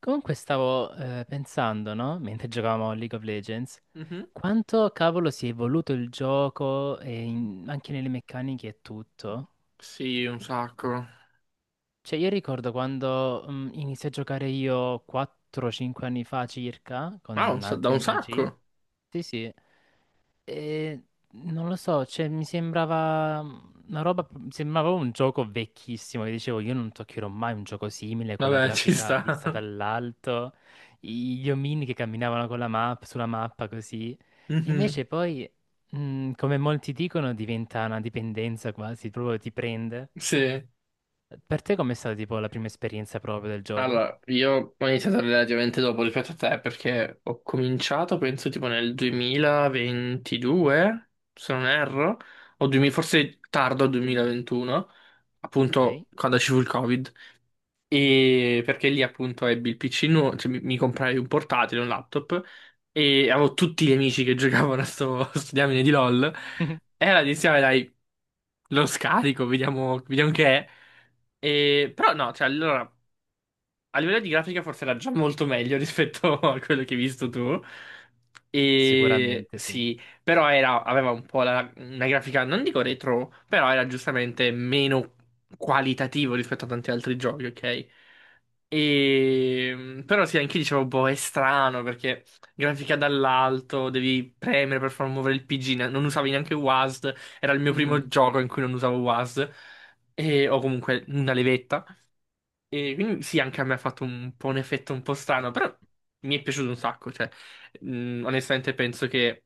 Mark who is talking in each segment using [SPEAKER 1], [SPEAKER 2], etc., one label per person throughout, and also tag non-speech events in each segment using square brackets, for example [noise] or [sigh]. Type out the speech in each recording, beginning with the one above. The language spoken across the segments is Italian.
[SPEAKER 1] Comunque stavo pensando, no? Mentre giocavamo a League of Legends,
[SPEAKER 2] Mhm.
[SPEAKER 1] quanto cavolo si è evoluto il gioco e anche nelle meccaniche e tutto.
[SPEAKER 2] Sì, un sacco.
[SPEAKER 1] Cioè, io ricordo quando iniziai a giocare io 4-5 anni fa circa,
[SPEAKER 2] Ah,
[SPEAKER 1] con
[SPEAKER 2] da
[SPEAKER 1] altri
[SPEAKER 2] un
[SPEAKER 1] amici.
[SPEAKER 2] sacco.
[SPEAKER 1] Sì, sì. Eh, Non lo so, cioè, mi sembrava un gioco vecchissimo, che dicevo io non toccherò mai un gioco simile con la
[SPEAKER 2] Vabbè, [laughs] ci
[SPEAKER 1] grafica
[SPEAKER 2] sta.
[SPEAKER 1] vista dall'alto, gli omini che camminavano con la mappa, sulla mappa così. E
[SPEAKER 2] Mhm.
[SPEAKER 1] invece poi, come molti dicono, diventa una dipendenza quasi, proprio ti prende.
[SPEAKER 2] Sì.
[SPEAKER 1] Per te com'è stata tipo la prima esperienza proprio del gioco?
[SPEAKER 2] Allora, io ho iniziato relativamente dopo rispetto a te perché ho cominciato, penso, tipo nel 2022, se non erro, o 2000 forse tardo 2021,
[SPEAKER 1] Ok?
[SPEAKER 2] appunto quando ci fu il Covid. E perché lì appunto ebbi il PC, cioè, mi comprai un portatile, un laptop e avevo tutti gli amici che [laughs] giocavano a a sto diamine di LOL.
[SPEAKER 1] [laughs]
[SPEAKER 2] E allora dissi, "Vabbè, dai, lo scarico, vediamo che è. Però no, cioè allora. A livello di grafica forse era già molto meglio rispetto [laughs] a quello che hai visto tu. E
[SPEAKER 1] Sicuramente sì.
[SPEAKER 2] sì, però aveva un po' una grafica, non dico retro, però era giustamente meno qualitativo rispetto a tanti altri giochi, ok? E, però sì, anche io dicevo, boh, è strano perché grafica dall'alto, devi premere per far muovere il PG, non usavi neanche WASD, era il mio primo
[SPEAKER 1] Mhm.
[SPEAKER 2] gioco in cui non usavo WASD, e, o comunque una levetta. E quindi sì, anche a me ha fatto un po' un effetto un po' strano, però mi è piaciuto un sacco, cioè, onestamente penso che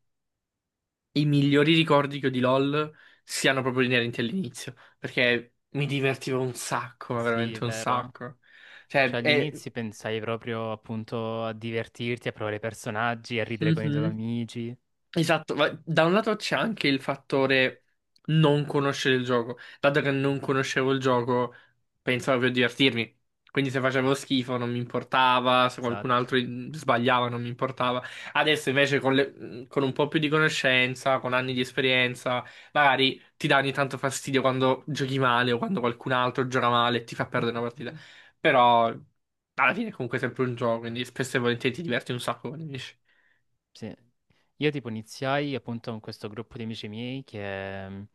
[SPEAKER 2] i migliori ricordi che ho di LoL siano proprio inerenti all'inizio, perché mi divertivo un sacco, ma
[SPEAKER 1] Sì, è
[SPEAKER 2] veramente un
[SPEAKER 1] vero.
[SPEAKER 2] sacco. Cioè,
[SPEAKER 1] Cioè, agli
[SPEAKER 2] è...
[SPEAKER 1] inizi pensai proprio appunto a divertirti, a provare i personaggi, a ridere con i tuoi
[SPEAKER 2] Mhm.
[SPEAKER 1] amici.
[SPEAKER 2] Esatto, ma da un lato c'è anche il fattore non conoscere il gioco. Dato che non conoscevo il gioco, pensavo per divertirmi. Quindi se facevo schifo non mi importava, se qualcun altro
[SPEAKER 1] Esatto,
[SPEAKER 2] sbagliava non mi importava. Adesso invece con un po' più di conoscenza, con anni di esperienza, magari ti dà ogni tanto fastidio quando giochi male o quando qualcun altro gioca male e ti fa perdere una partita. Però alla fine è comunque sempre un gioco, quindi spesso e volentieri ti diverti un sacco quando vinci.
[SPEAKER 1] sì. Io tipo iniziai appunto con questo gruppo di amici miei che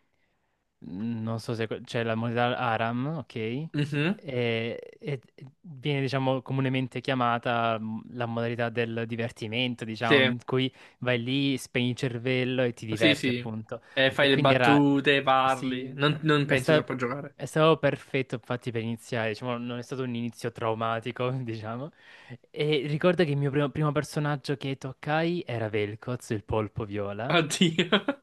[SPEAKER 1] non so se c'è la moneta Aram, ok?
[SPEAKER 2] Mhm.
[SPEAKER 1] E viene, diciamo, comunemente chiamata la modalità del divertimento, diciamo,
[SPEAKER 2] Sì.
[SPEAKER 1] in cui vai lì, spegni il cervello e ti
[SPEAKER 2] Sì,
[SPEAKER 1] diverti,
[SPEAKER 2] sì.
[SPEAKER 1] appunto. E
[SPEAKER 2] Fai le
[SPEAKER 1] quindi era,
[SPEAKER 2] battute, parli.
[SPEAKER 1] sì,
[SPEAKER 2] Non
[SPEAKER 1] è,
[SPEAKER 2] pensi
[SPEAKER 1] sta-
[SPEAKER 2] troppo a giocare.
[SPEAKER 1] è stato perfetto, infatti, per iniziare, diciamo, non è stato un inizio traumatico, [laughs] diciamo. E ricordo che il mio primo personaggio che toccai era Vel'Koz, il polpo viola
[SPEAKER 2] Oddio.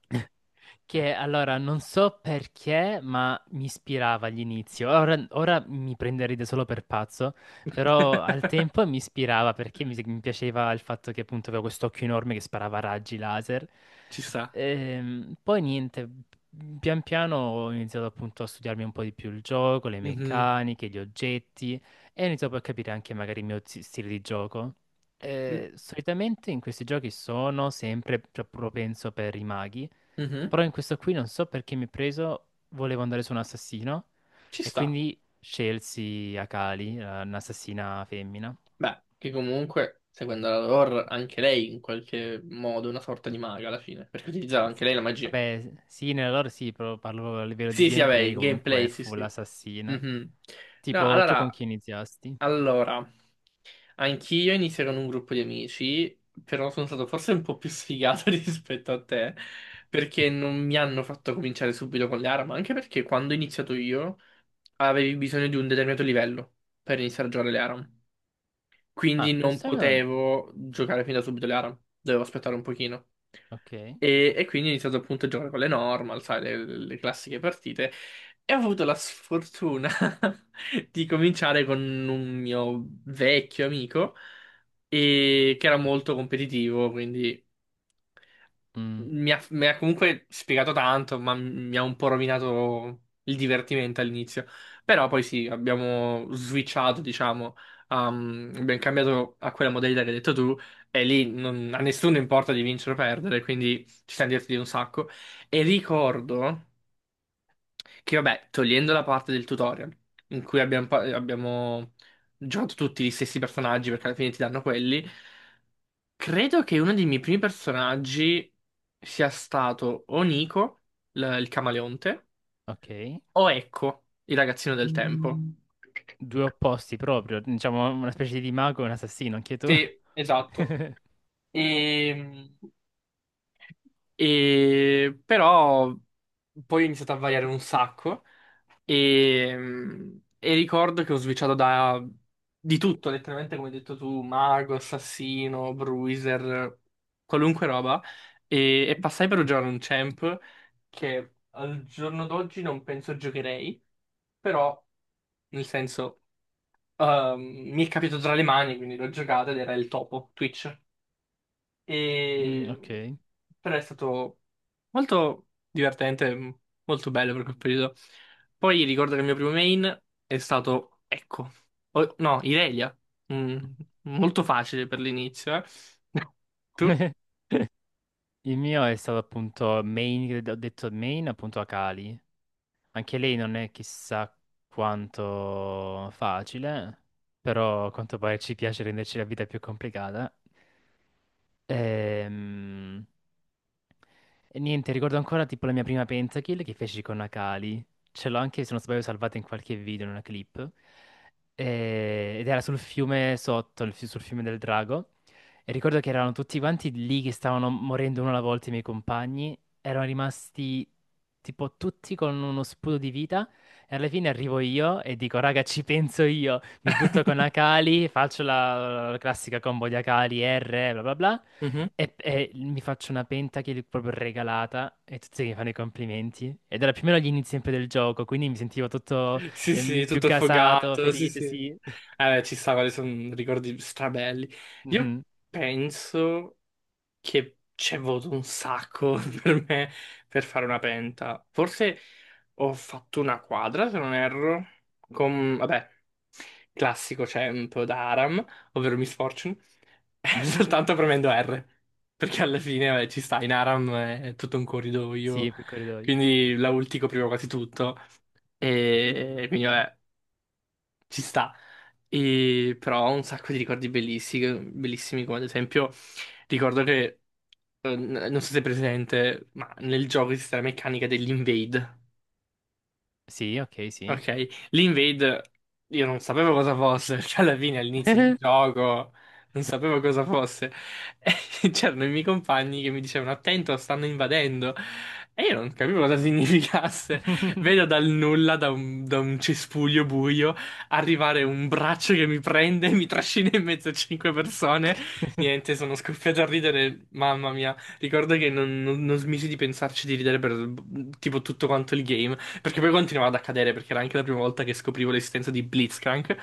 [SPEAKER 1] che allora non so perché, ma mi ispirava all'inizio. Ora mi prenderete solo per pazzo, però al
[SPEAKER 2] [laughs]
[SPEAKER 1] tempo mi ispirava perché mi piaceva il fatto che appunto avevo quest'occhio enorme che sparava raggi laser.
[SPEAKER 2] Ci sta.
[SPEAKER 1] Poi niente, pian piano ho iniziato appunto a studiarmi un po' di più il gioco, le
[SPEAKER 2] Mhm.
[SPEAKER 1] meccaniche, gli oggetti e ho iniziato poi a capire anche magari il mio stile di gioco.
[SPEAKER 2] Mm,
[SPEAKER 1] Solitamente in questi giochi sono sempre propenso per i maghi.
[SPEAKER 2] mhm.
[SPEAKER 1] Però in questo qui non so perché mi ha preso, volevo andare su un assassino
[SPEAKER 2] Ci
[SPEAKER 1] e
[SPEAKER 2] sta.
[SPEAKER 1] quindi scelsi Akali, un'assassina femmina.
[SPEAKER 2] Beh, che comunque, seguendo la lore, anche lei in qualche modo è una sorta di maga alla fine, perché utilizzava anche
[SPEAKER 1] S-
[SPEAKER 2] lei la magia.
[SPEAKER 1] Vabbè, sì, nella lore sì, però parlo a livello di
[SPEAKER 2] Sì, sì, vabbè,
[SPEAKER 1] gameplay,
[SPEAKER 2] il
[SPEAKER 1] comunque
[SPEAKER 2] gameplay,
[SPEAKER 1] è
[SPEAKER 2] sì,
[SPEAKER 1] full
[SPEAKER 2] sì.
[SPEAKER 1] assassina.
[SPEAKER 2] Mhm. No,
[SPEAKER 1] Tipo, tu con
[SPEAKER 2] allora,
[SPEAKER 1] chi iniziasti?
[SPEAKER 2] allora. Anch'io inizierò in un gruppo di amici, però sono stato forse un po' più sfigato [laughs] rispetto a te, perché non
[SPEAKER 1] [laughs]
[SPEAKER 2] mi hanno fatto cominciare subito con le armi, anche perché quando ho iniziato io avevi bisogno di un determinato livello per iniziare a giocare le ARAM. Quindi
[SPEAKER 1] Ah,
[SPEAKER 2] non
[SPEAKER 1] questo è un...
[SPEAKER 2] potevo giocare fin da subito le ARAM, dovevo aspettare un pochino.
[SPEAKER 1] Ok.
[SPEAKER 2] E quindi ho iniziato appunto a giocare con le normal, sai, le classiche partite. E ho avuto la sfortuna [laughs] di cominciare con un mio vecchio amico, che era molto competitivo, quindi
[SPEAKER 1] Mm,
[SPEAKER 2] mi ha comunque spiegato tanto, ma mi ha un po' rovinato il divertimento all'inizio. Però poi sì, abbiamo switchato, diciamo, abbiamo cambiato a quella modalità che hai detto tu, e lì a nessuno importa di vincere o perdere, quindi ci siamo divertiti un sacco. E ricordo che, vabbè, togliendo la parte del tutorial, in cui abbiamo giocato tutti gli stessi personaggi, perché alla fine ti danno quelli. Credo che uno dei miei primi personaggi sia stato o Nico, il camaleonte,
[SPEAKER 1] ok.
[SPEAKER 2] o Ecco, il ragazzino del tempo. Mm.
[SPEAKER 1] Due opposti proprio, diciamo una specie di mago e un assassino, anche tu. [laughs]
[SPEAKER 2] Sì, esatto. E, Però poi ho iniziato a variare un sacco. E ricordo che ho switchato da di tutto, letteralmente come hai detto tu, mago, assassino, bruiser, qualunque roba. E passai per giocare un champ che al giorno d'oggi non penso giocherei, però nel senso ehm, mi è capitato tra le mani, quindi l'ho giocato ed era il topo, Twitch.
[SPEAKER 1] Mm,
[SPEAKER 2] E
[SPEAKER 1] ok.
[SPEAKER 2] però è stato molto divertente, molto bello per quel periodo. Poi ricordo che il mio primo main è stato Ecco. No, Irelia. Mm, molto facile per l'inizio, eh. [laughs] Tu?
[SPEAKER 1] [laughs] Il mio è stato appunto Main, ho detto Main appunto a Kali. Anche lei non è chissà quanto facile, però a quanto pare ci piace renderci la vita più complicata. Ehm, e niente, ricordo ancora tipo la mia prima pentakill che feci con Akali. Ce l'ho anche, se non sbaglio, salvata in qualche video, in una clip. Ed era sul fiume sotto, sul fiume del drago. E ricordo che erano tutti quanti lì che stavano morendo uno alla volta i miei compagni. Erano rimasti tipo tutti con uno sputo di vita. E alla fine arrivo io e dico, raga, ci penso io. Mi butto con Akali, faccio la classica combo di Akali, R, bla bla bla.
[SPEAKER 2] Mhm.
[SPEAKER 1] E mi faccio una penta che gli ho proprio regalata e tutti mi fanno i complimenti. Ed era più o meno agli inizi sempre del gioco, quindi mi sentivo tutto
[SPEAKER 2] Sì, sì,
[SPEAKER 1] più
[SPEAKER 2] tutto
[SPEAKER 1] gasato,
[SPEAKER 2] affogato, sì,
[SPEAKER 1] felice,
[SPEAKER 2] sì.
[SPEAKER 1] sì. [laughs]
[SPEAKER 2] Beh, ci sta, quali sono ricordi strabelli. Io
[SPEAKER 1] Mhm,
[SPEAKER 2] penso che c'è voluto un sacco [laughs] per me per fare una penta. Forse ho fatto una quadra, se non erro, con, vabbè, classico tempo da Aram, ovvero Miss Fortune, [laughs]
[SPEAKER 1] mhm,
[SPEAKER 2] soltanto premendo R, perché alla fine, vabbè, ci sta, in Aram è tutto un corridoio,
[SPEAKER 1] sì, più corridoio.
[SPEAKER 2] quindi la ultico prima quasi tutto, e quindi vabbè, ci sta, e, però ho un sacco di ricordi bellissimi, bellissimi come ad esempio ricordo che, non so se è presente, ma nel gioco esiste la meccanica dell'invade.
[SPEAKER 1] Sì, ok, sì.
[SPEAKER 2] Ok, l'Invade io non sapevo cosa fosse, [laughs] cioè alla fine all'inizio del
[SPEAKER 1] [laughs]
[SPEAKER 2] gioco non sapevo cosa fosse. E [laughs] c'erano i miei compagni che mi dicevano attento, stanno invadendo. E io non capivo cosa [laughs] significasse. Vedo dal nulla, da un cespuglio buio, arrivare un braccio che mi prende, mi trascina in mezzo a cinque persone. Niente, sono scoppiato a ridere, mamma mia. Ricordo che non non smisi di pensarci di ridere per tipo tutto quanto il game. Perché poi continuava ad accadere, perché era anche la prima volta che scoprivo l'esistenza di Blitzcrank,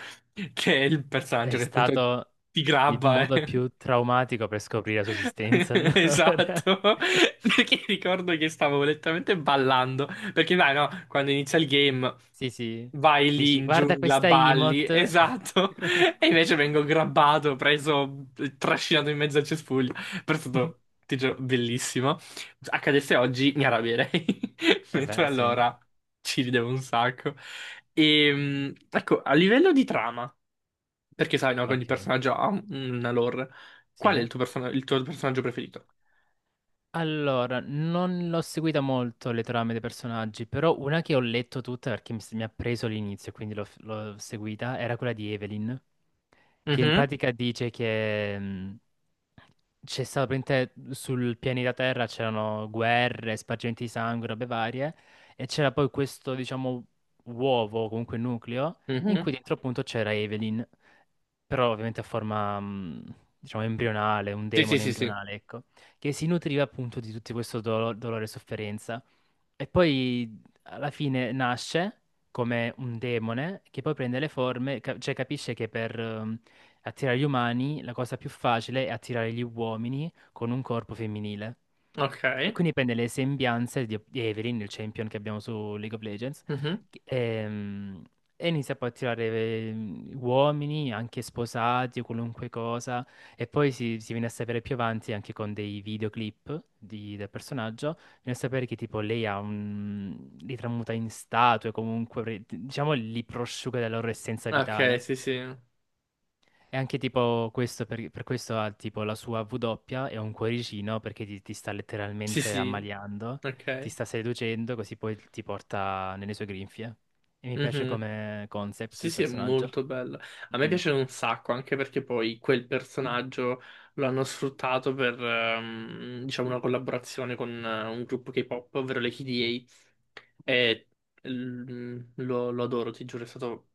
[SPEAKER 2] che è il
[SPEAKER 1] È
[SPEAKER 2] personaggio che appunto
[SPEAKER 1] stato
[SPEAKER 2] ti
[SPEAKER 1] il
[SPEAKER 2] grabba.
[SPEAKER 1] modo
[SPEAKER 2] Eh.
[SPEAKER 1] più traumatico per scoprire la sua
[SPEAKER 2] [laughs]
[SPEAKER 1] esistenza, allora.
[SPEAKER 2] Esatto, [laughs]
[SPEAKER 1] [laughs]
[SPEAKER 2] perché ricordo che stavo letteralmente ballando, perché vai no, quando inizia il game
[SPEAKER 1] Sì, sì.
[SPEAKER 2] vai lì
[SPEAKER 1] Dici,
[SPEAKER 2] in
[SPEAKER 1] guarda
[SPEAKER 2] giungla,
[SPEAKER 1] questa
[SPEAKER 2] balli,
[SPEAKER 1] emote.
[SPEAKER 2] esatto,
[SPEAKER 1] [laughs]
[SPEAKER 2] [laughs] e invece vengo grabbato, preso, trascinato in mezzo al cespuglio, però è stato, ti giuro, bellissimo. Accadesse oggi mi arrabbierei, [laughs]
[SPEAKER 1] Eh
[SPEAKER 2] mentre
[SPEAKER 1] beh, sì,
[SPEAKER 2] allora ci ridevo un sacco. E, ecco, a livello di trama. Perché sai, no, che ogni
[SPEAKER 1] ok,
[SPEAKER 2] personaggio ha una lore. Qual è
[SPEAKER 1] sì.
[SPEAKER 2] il il tuo personaggio preferito?
[SPEAKER 1] Allora, non l'ho seguita molto le trame dei personaggi, però una che ho letto tutta perché mi ha preso l'inizio, quindi l'ho seguita, era quella di Evelyn, che in
[SPEAKER 2] Mhm,
[SPEAKER 1] pratica dice che c'è stato praticamente sul pianeta Terra c'erano guerre, spargimenti di sangue, robe varie, e c'era poi questo, diciamo, uovo, comunque nucleo, in
[SPEAKER 2] mhm.
[SPEAKER 1] cui dentro appunto c'era Evelyn però ovviamente a forma, diciamo, embrionale, un
[SPEAKER 2] Sì, sì,
[SPEAKER 1] demone
[SPEAKER 2] sì, sì.
[SPEAKER 1] embrionale, ecco, che si nutriva appunto di tutto questo dolore e sofferenza. E poi alla fine nasce come un demone che poi prende le forme, cioè capisce che per attirare gli umani la cosa più facile è attirare gli uomini con un corpo femminile.
[SPEAKER 2] Ok.
[SPEAKER 1] E quindi prende le sembianze di Evelyn, il champion che abbiamo su League of Legends,
[SPEAKER 2] Mhm.
[SPEAKER 1] che- ehm, e, inizia poi a tirare uomini, anche sposati o qualunque cosa. E poi si viene a sapere più avanti anche con dei videoclip del personaggio nel sapere che tipo lei ha un... li tramuta in statue, comunque, diciamo, li prosciuga della loro essenza
[SPEAKER 2] Ok,
[SPEAKER 1] vitale.
[SPEAKER 2] sì, sì.
[SPEAKER 1] E anche tipo questo, per questo ha tipo la sua W doppia e un cuoricino perché ti sta
[SPEAKER 2] Sì,
[SPEAKER 1] letteralmente
[SPEAKER 2] sì.
[SPEAKER 1] ammaliando, ti
[SPEAKER 2] Ok.
[SPEAKER 1] sta seducendo, così poi ti porta nelle sue grinfie. E mi piace
[SPEAKER 2] Mhm.
[SPEAKER 1] come concept
[SPEAKER 2] Sì,
[SPEAKER 1] del
[SPEAKER 2] sì, è
[SPEAKER 1] personaggio.
[SPEAKER 2] molto bella. A me
[SPEAKER 1] Mm.
[SPEAKER 2] piace un sacco, anche perché poi quel personaggio lo hanno sfruttato per, diciamo, una collaborazione con un gruppo K-pop, ovvero le KDA. E lo adoro, ti giuro, è stato...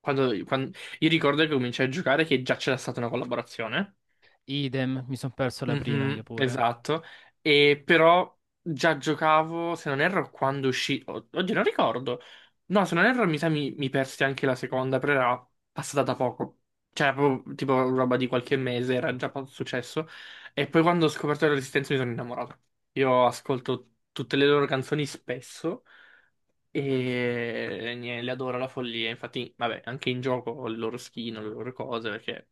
[SPEAKER 2] Quando, quan- Io ricordo che cominciai a giocare che già c'era stata una collaborazione.
[SPEAKER 1] Idem, mi sono perso la prima, io
[SPEAKER 2] Mhm,
[SPEAKER 1] pure.
[SPEAKER 2] esatto, e però già giocavo, se non erro, quando uscì, oddio non ricordo, no se non erro mi sa mi persi anche la seconda, però era passata da poco, cioè era proprio tipo roba di qualche mese, era già successo, e poi quando ho scoperto la Resistenza mi sono innamorato, io ascolto tutte le loro canzoni spesso e niente, le adoro alla follia, infatti vabbè anche in gioco ho le loro skin, ho le loro cose perché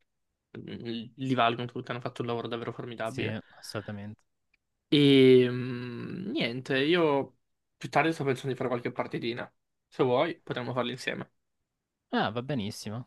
[SPEAKER 2] li valgono tutti, hanno fatto un lavoro davvero
[SPEAKER 1] Sì,
[SPEAKER 2] formidabile.
[SPEAKER 1] assolutamente.
[SPEAKER 2] E niente, io più tardi sto pensando di fare qualche partitina. Se vuoi, potremmo farle insieme.
[SPEAKER 1] Ah, va benissimo.